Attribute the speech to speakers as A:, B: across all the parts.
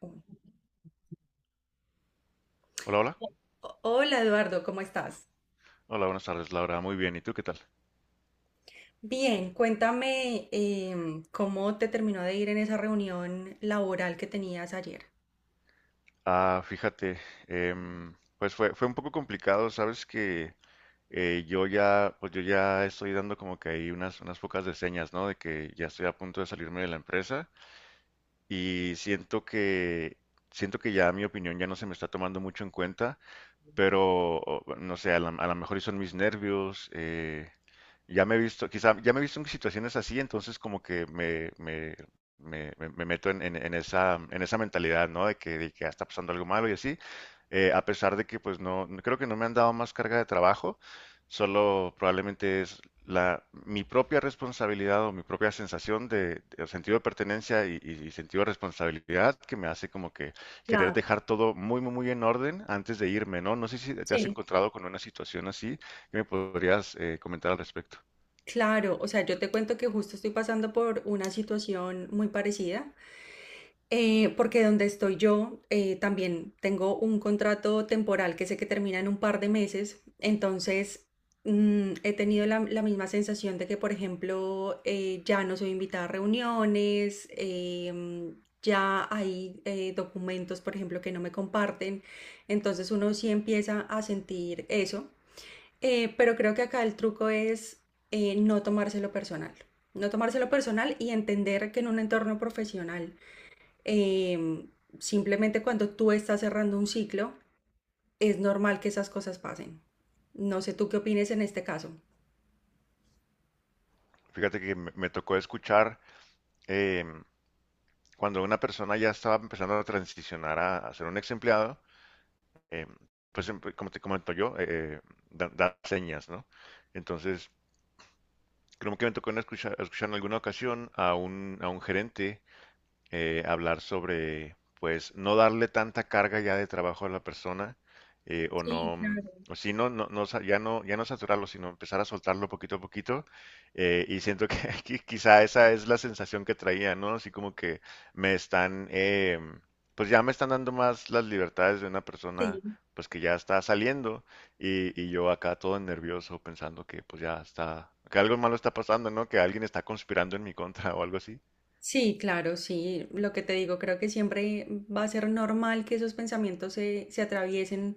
A: Uno.
B: Hola, hola.
A: Hola Eduardo, ¿cómo estás?
B: Hola, buenas tardes, Laura. Muy bien. ¿Y tú qué tal?
A: Bien, cuéntame cómo te terminó de ir en esa reunión laboral que tenías ayer.
B: Ah, fíjate, pues fue un poco complicado. Sabes que pues yo ya estoy dando como que ahí unas pocas de señas, ¿no? De que ya estoy a punto de salirme de la empresa y siento que ya mi opinión ya no se me está tomando mucho en cuenta. Pero no sé, a lo mejor y son mis nervios. Quizá ya me he visto en situaciones así, entonces como que me meto en esa mentalidad, ¿no? De que "Ah, está pasando algo malo", y así, a pesar de que pues creo que no me han dado más carga de trabajo. Solo probablemente es mi propia responsabilidad o mi propia sensación de sentido de pertenencia y sentido de responsabilidad que me hace como que querer
A: Claro,
B: dejar todo muy, muy, muy en orden antes de irme, ¿no? No sé si te has
A: sí.
B: encontrado con una situación así. ¿Qué me podrías comentar al respecto?
A: Claro, o sea, yo te cuento que justo estoy pasando por una situación muy parecida. Porque donde estoy yo también tengo un contrato temporal que sé que termina en un par de meses, entonces he tenido la misma sensación de que, por ejemplo, ya no soy invitada a reuniones, ya hay documentos, por ejemplo, que no me comparten, entonces uno sí empieza a sentir eso. Pero creo que acá el truco es no tomárselo personal, no tomárselo personal y entender que en un entorno profesional Em, simplemente cuando tú estás cerrando un ciclo, es normal que esas cosas pasen. No sé tú qué opines en este caso.
B: Fíjate que me tocó escuchar eh, cuando una persona ya estaba empezando a transicionar a ser un ex empleado. eh, pues como te comento yo, da señas, ¿no? Entonces, creo que me tocó en escuchar en alguna ocasión a un gerente hablar sobre, pues, no darle tanta carga ya de trabajo a la persona, eh, o
A: Sí,
B: no,
A: claro,
B: o si no, ya no saturarlo, sino empezar a soltarlo poquito a poquito. Y siento que quizá esa es la sensación que traía, ¿no? Así como que me están, eh, pues ya me están dando más las libertades de una persona,
A: sí.
B: pues que ya está saliendo, y yo acá todo nervioso pensando que pues ya está, que algo malo está pasando, ¿no? Que alguien está conspirando en mi contra o algo así.
A: Sí, claro, sí. Lo que te digo, creo que siempre va a ser normal que esos pensamientos se atraviesen,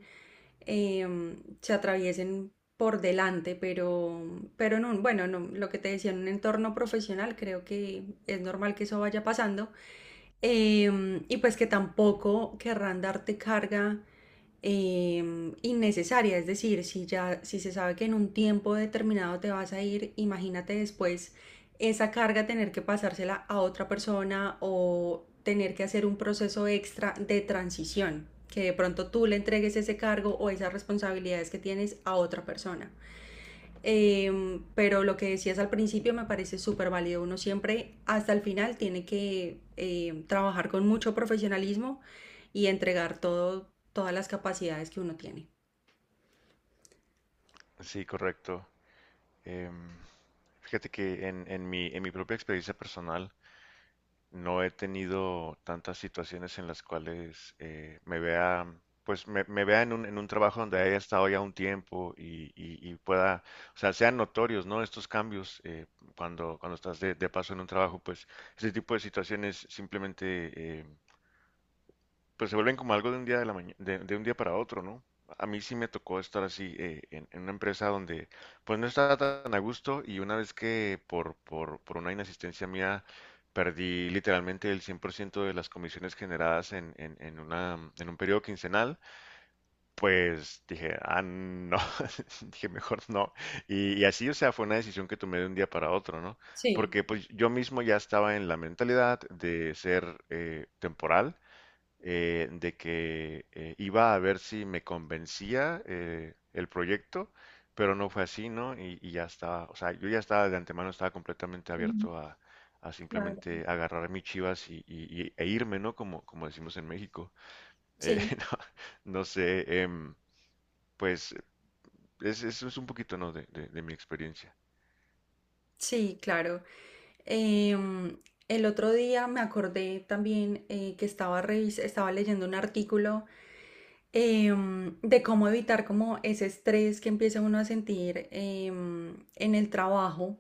A: se atraviesen por delante, pero en un, bueno, no, lo que te decía, en un entorno profesional, creo que es normal que eso vaya pasando. Y pues que tampoco querrán darte carga innecesaria. Es decir, si ya, si se sabe que en un tiempo determinado te vas a ir, imagínate después esa carga tener que pasársela a otra persona o tener que hacer un proceso extra de transición, que de pronto tú le entregues ese cargo o esas responsabilidades que tienes a otra persona. Pero lo que decías al principio me parece súper válido. Uno siempre hasta el final tiene que trabajar con mucho profesionalismo y entregar todo, todas las capacidades que uno tiene.
B: Sí, correcto. Eh, Fíjate que en mi propia experiencia personal no he tenido tantas situaciones en las cuales pues me vea en un trabajo donde haya estado ya un tiempo y pueda, o sea, sean notorios, ¿no? Estos cambios cuando estás de paso en un trabajo, pues ese tipo de situaciones simplemente. Pero se vuelven como algo de un día de la maña- de un día para otro, ¿no? A mí sí me tocó estar así en una empresa donde pues no estaba tan a gusto, y una vez que por una inasistencia mía perdí literalmente el 100% de las comisiones generadas en un periodo quincenal, pues dije, ah, no, dije, mejor no. Y así, o sea, fue una decisión que tomé de un día para otro, ¿no?
A: Sí.
B: Porque pues yo mismo ya estaba en la mentalidad de ser temporal, de que iba a ver si me convencía el proyecto, pero no fue así, ¿no? Y ya estaba, o sea, yo ya estaba de antemano, estaba completamente
A: Ujú.
B: abierto a
A: Claro.
B: simplemente agarrar mis chivas e irme, ¿no? Como decimos en México. Eh,
A: Sí,
B: no, no sé, pues es un poquito, ¿no? De mi experiencia.
A: sí, claro. Em, el otro día me acordé también que estaba, estaba leyendo un artículo de cómo evitar como ese estrés que empieza uno a sentir en el trabajo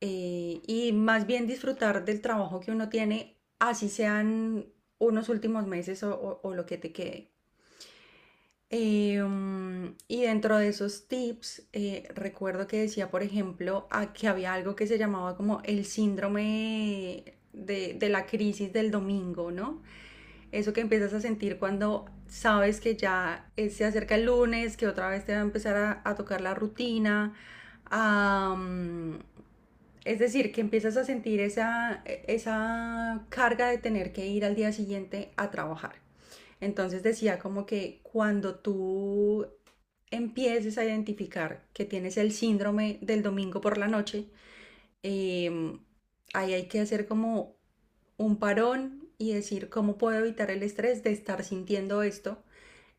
A: y más bien disfrutar del trabajo que uno tiene, así sean unos últimos meses o, o lo que te quede. Y dentro de esos tips, recuerdo que decía, por ejemplo, a que había algo que se llamaba como el síndrome de la crisis del domingo, ¿no? Eso que empiezas a sentir cuando sabes que ya se acerca el lunes, que otra vez te va a empezar a tocar la rutina. am, es decir, que empiezas a sentir esa carga de tener que ir al día siguiente a trabajar. Entonces decía como que cuando tú empieces a identificar que tienes el síndrome del domingo por la noche, eh, ahí hay que hacer como un parón y decir cómo puedo evitar el estrés de estar sintiendo esto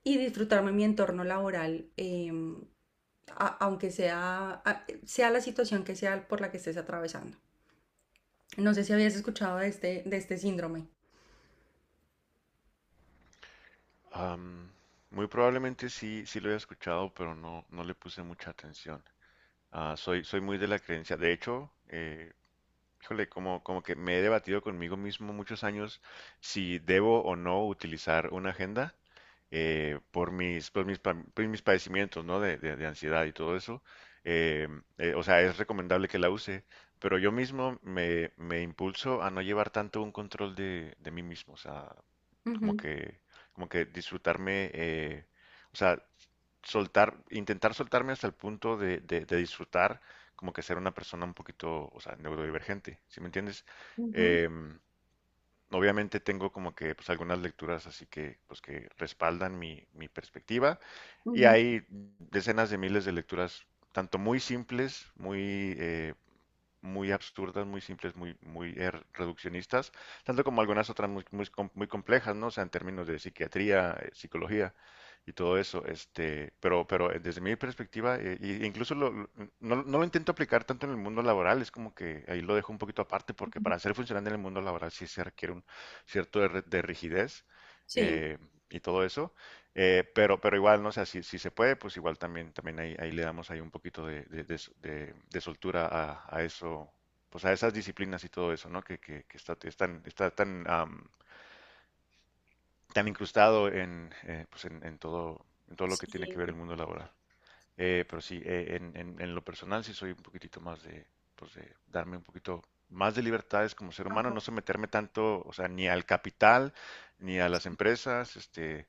A: y disfrutarme mi entorno laboral, aunque sea, sea la situación que sea por la que estés atravesando. No sé si habías escuchado de este síndrome.
B: Am, Muy probablemente sí, sí lo he escuchado, pero no le puse mucha atención. Ah, soy muy de la creencia. De hecho, híjole, como que me he debatido conmigo mismo muchos años si debo o no utilizar una agenda, por mis padecimientos, ¿no? De ansiedad y todo eso. Eh, o sea, es recomendable que la use, pero yo mismo me impulso a no llevar tanto un control de mí mismo. O sea, como
A: Ujú,
B: que, como que disfrutarme, o sea, intentar soltarme hasta el punto de disfrutar, como que ser una persona un poquito, o sea, neurodivergente, ¿sí me entiendes?
A: ujú,
B: Em, Obviamente tengo como que, pues, algunas lecturas así que, pues, que respaldan mi perspectiva, y
A: ujú,
B: hay decenas de miles de lecturas, tanto muy simples, muy absurdas, muy simples, muy, muy reduccionistas, tanto como algunas otras muy, muy complejas, ¿no? O sea, en términos de psiquiatría, psicología y todo eso. Pero, desde mi perspectiva, e incluso no lo intento aplicar tanto en el mundo laboral. Es como que ahí lo dejo un poquito aparte, porque
A: ujú.
B: para ser funcionante en el mundo laboral sí se requiere un cierto de rigidez
A: Sí,
B: eh, y todo eso. Pero igual, no sé, si se puede, pues igual también ahí le damos ahí un poquito de soltura a, eso, pues a esas disciplinas y todo eso, ¿no? Que está tan incrustado en, pues en todo lo que tiene que ver
A: sí,
B: el mundo laboral. Pero sí, lo personal sí soy un poquitito más pues de darme un poquito más de libertades como ser humano,
A: ajá.
B: no someterme tanto, o sea, ni al capital, ni a las
A: Sí.
B: empresas. Este,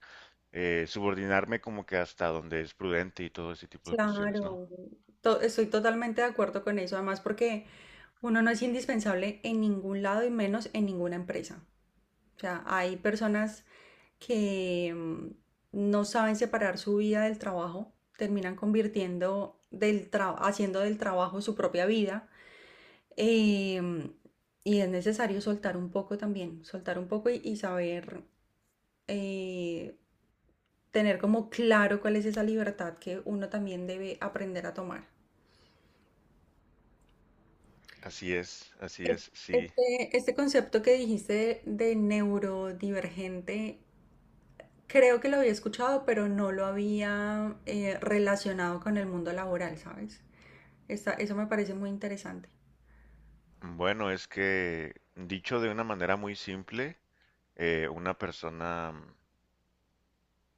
B: subordinarme como que hasta donde es prudente, y todo ese tipo de cuestiones, ¿no?
A: Claro, estoy totalmente de acuerdo con eso, además porque uno no es indispensable en ningún lado y menos en ninguna empresa. O sea, hay personas que no saben separar su vida del trabajo, terminan convirtiendo haciendo del trabajo su propia vida, em, y es necesario soltar un poco también, soltar un poco y saber eh, tener como claro cuál es esa libertad que uno también debe aprender a tomar.
B: Así
A: Es-
B: es, sí.
A: Este concepto que dijiste de neurodivergente, creo que lo había escuchado, pero no lo había relacionado con el mundo laboral, ¿sabes? Eso me parece muy interesante.
B: Bueno, es que dicho de una manera muy simple, una persona,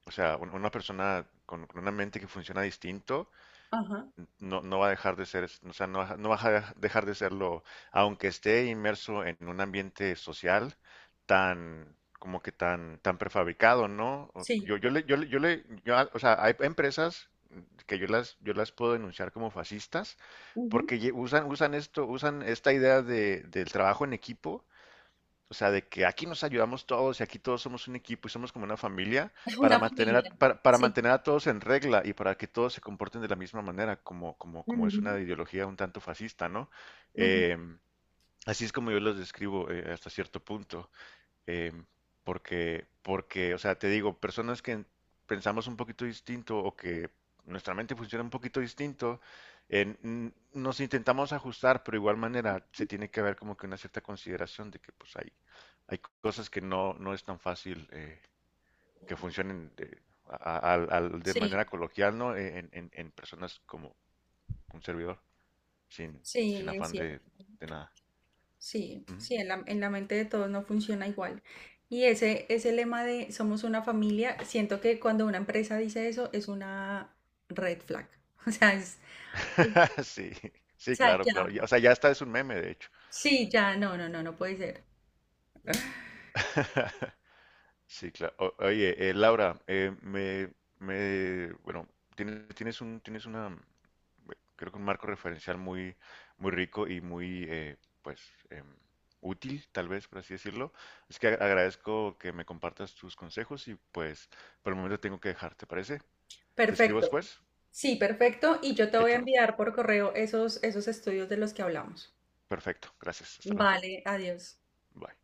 B: o sea, una persona con una mente que funciona distinto,
A: Ajá,
B: no va a dejar de ser, o sea, no va a dejar de serlo, aunque esté inmerso en un ambiente social como que tan prefabricado, ¿no?
A: sí.
B: Yo a- o sea, hay empresas que yo las puedo denunciar como fascistas
A: Ujú.
B: porque usan esta idea del trabajo en equipo. O sea, de que aquí nos ayudamos todos y aquí todos somos un equipo y somos como una familia,
A: Es
B: para
A: una
B: mantener a,
A: familia,
B: para, para
A: sí.
B: mantener a todos en regla y para que todos se comporten de la misma manera, como es
A: Ujú,
B: una ideología un tanto fascista, ¿no?
A: ujú.
B: Em, Así es como yo los describo hasta cierto punto, eh, porque, o sea, te digo, personas que pensamos un poquito distinto o que nuestra mente funciona un poquito distinto, nos intentamos ajustar, pero de igual manera se tiene que haber como que una cierta consideración de que pues hay cosas que no es tan fácil que funcionen de, a- al- al- de
A: Sí,
B: manera coloquial, ¿no? En personas como un servidor, sin, sin
A: sí, es
B: afán
A: cierto.
B: de nada.
A: Sí,
B: Ujú.
A: sí, en la mente de todos no funciona igual. Y ese lema de somos una familia, siento que cuando una empresa dice eso es una red flag. O sea, es,
B: Sí,
A: o
B: sí,
A: sea,
B: claro,
A: ya.
B: claro. O sea, ya está, es un meme, de hecho.
A: Sí, ya, no, no, no, no puede ser.
B: Sí, claro. Oye, Laura, me, bueno, tienes una, creo que un marco referencial muy, muy rico y muy, pues, em, útil, tal vez, por así decirlo. Es que agradezco que me compartas tus consejos y, pues, por el momento tengo que dejar, ¿te parece? Te escribo
A: Perfecto.
B: después.
A: Sí, perfecto. Y yo te voy a
B: Hecho.
A: enviar por correo esos, esos estudios de los que hablamos.
B: Perfecto. Gracias. Hasta luego.
A: Vale, adiós.
B: Bye.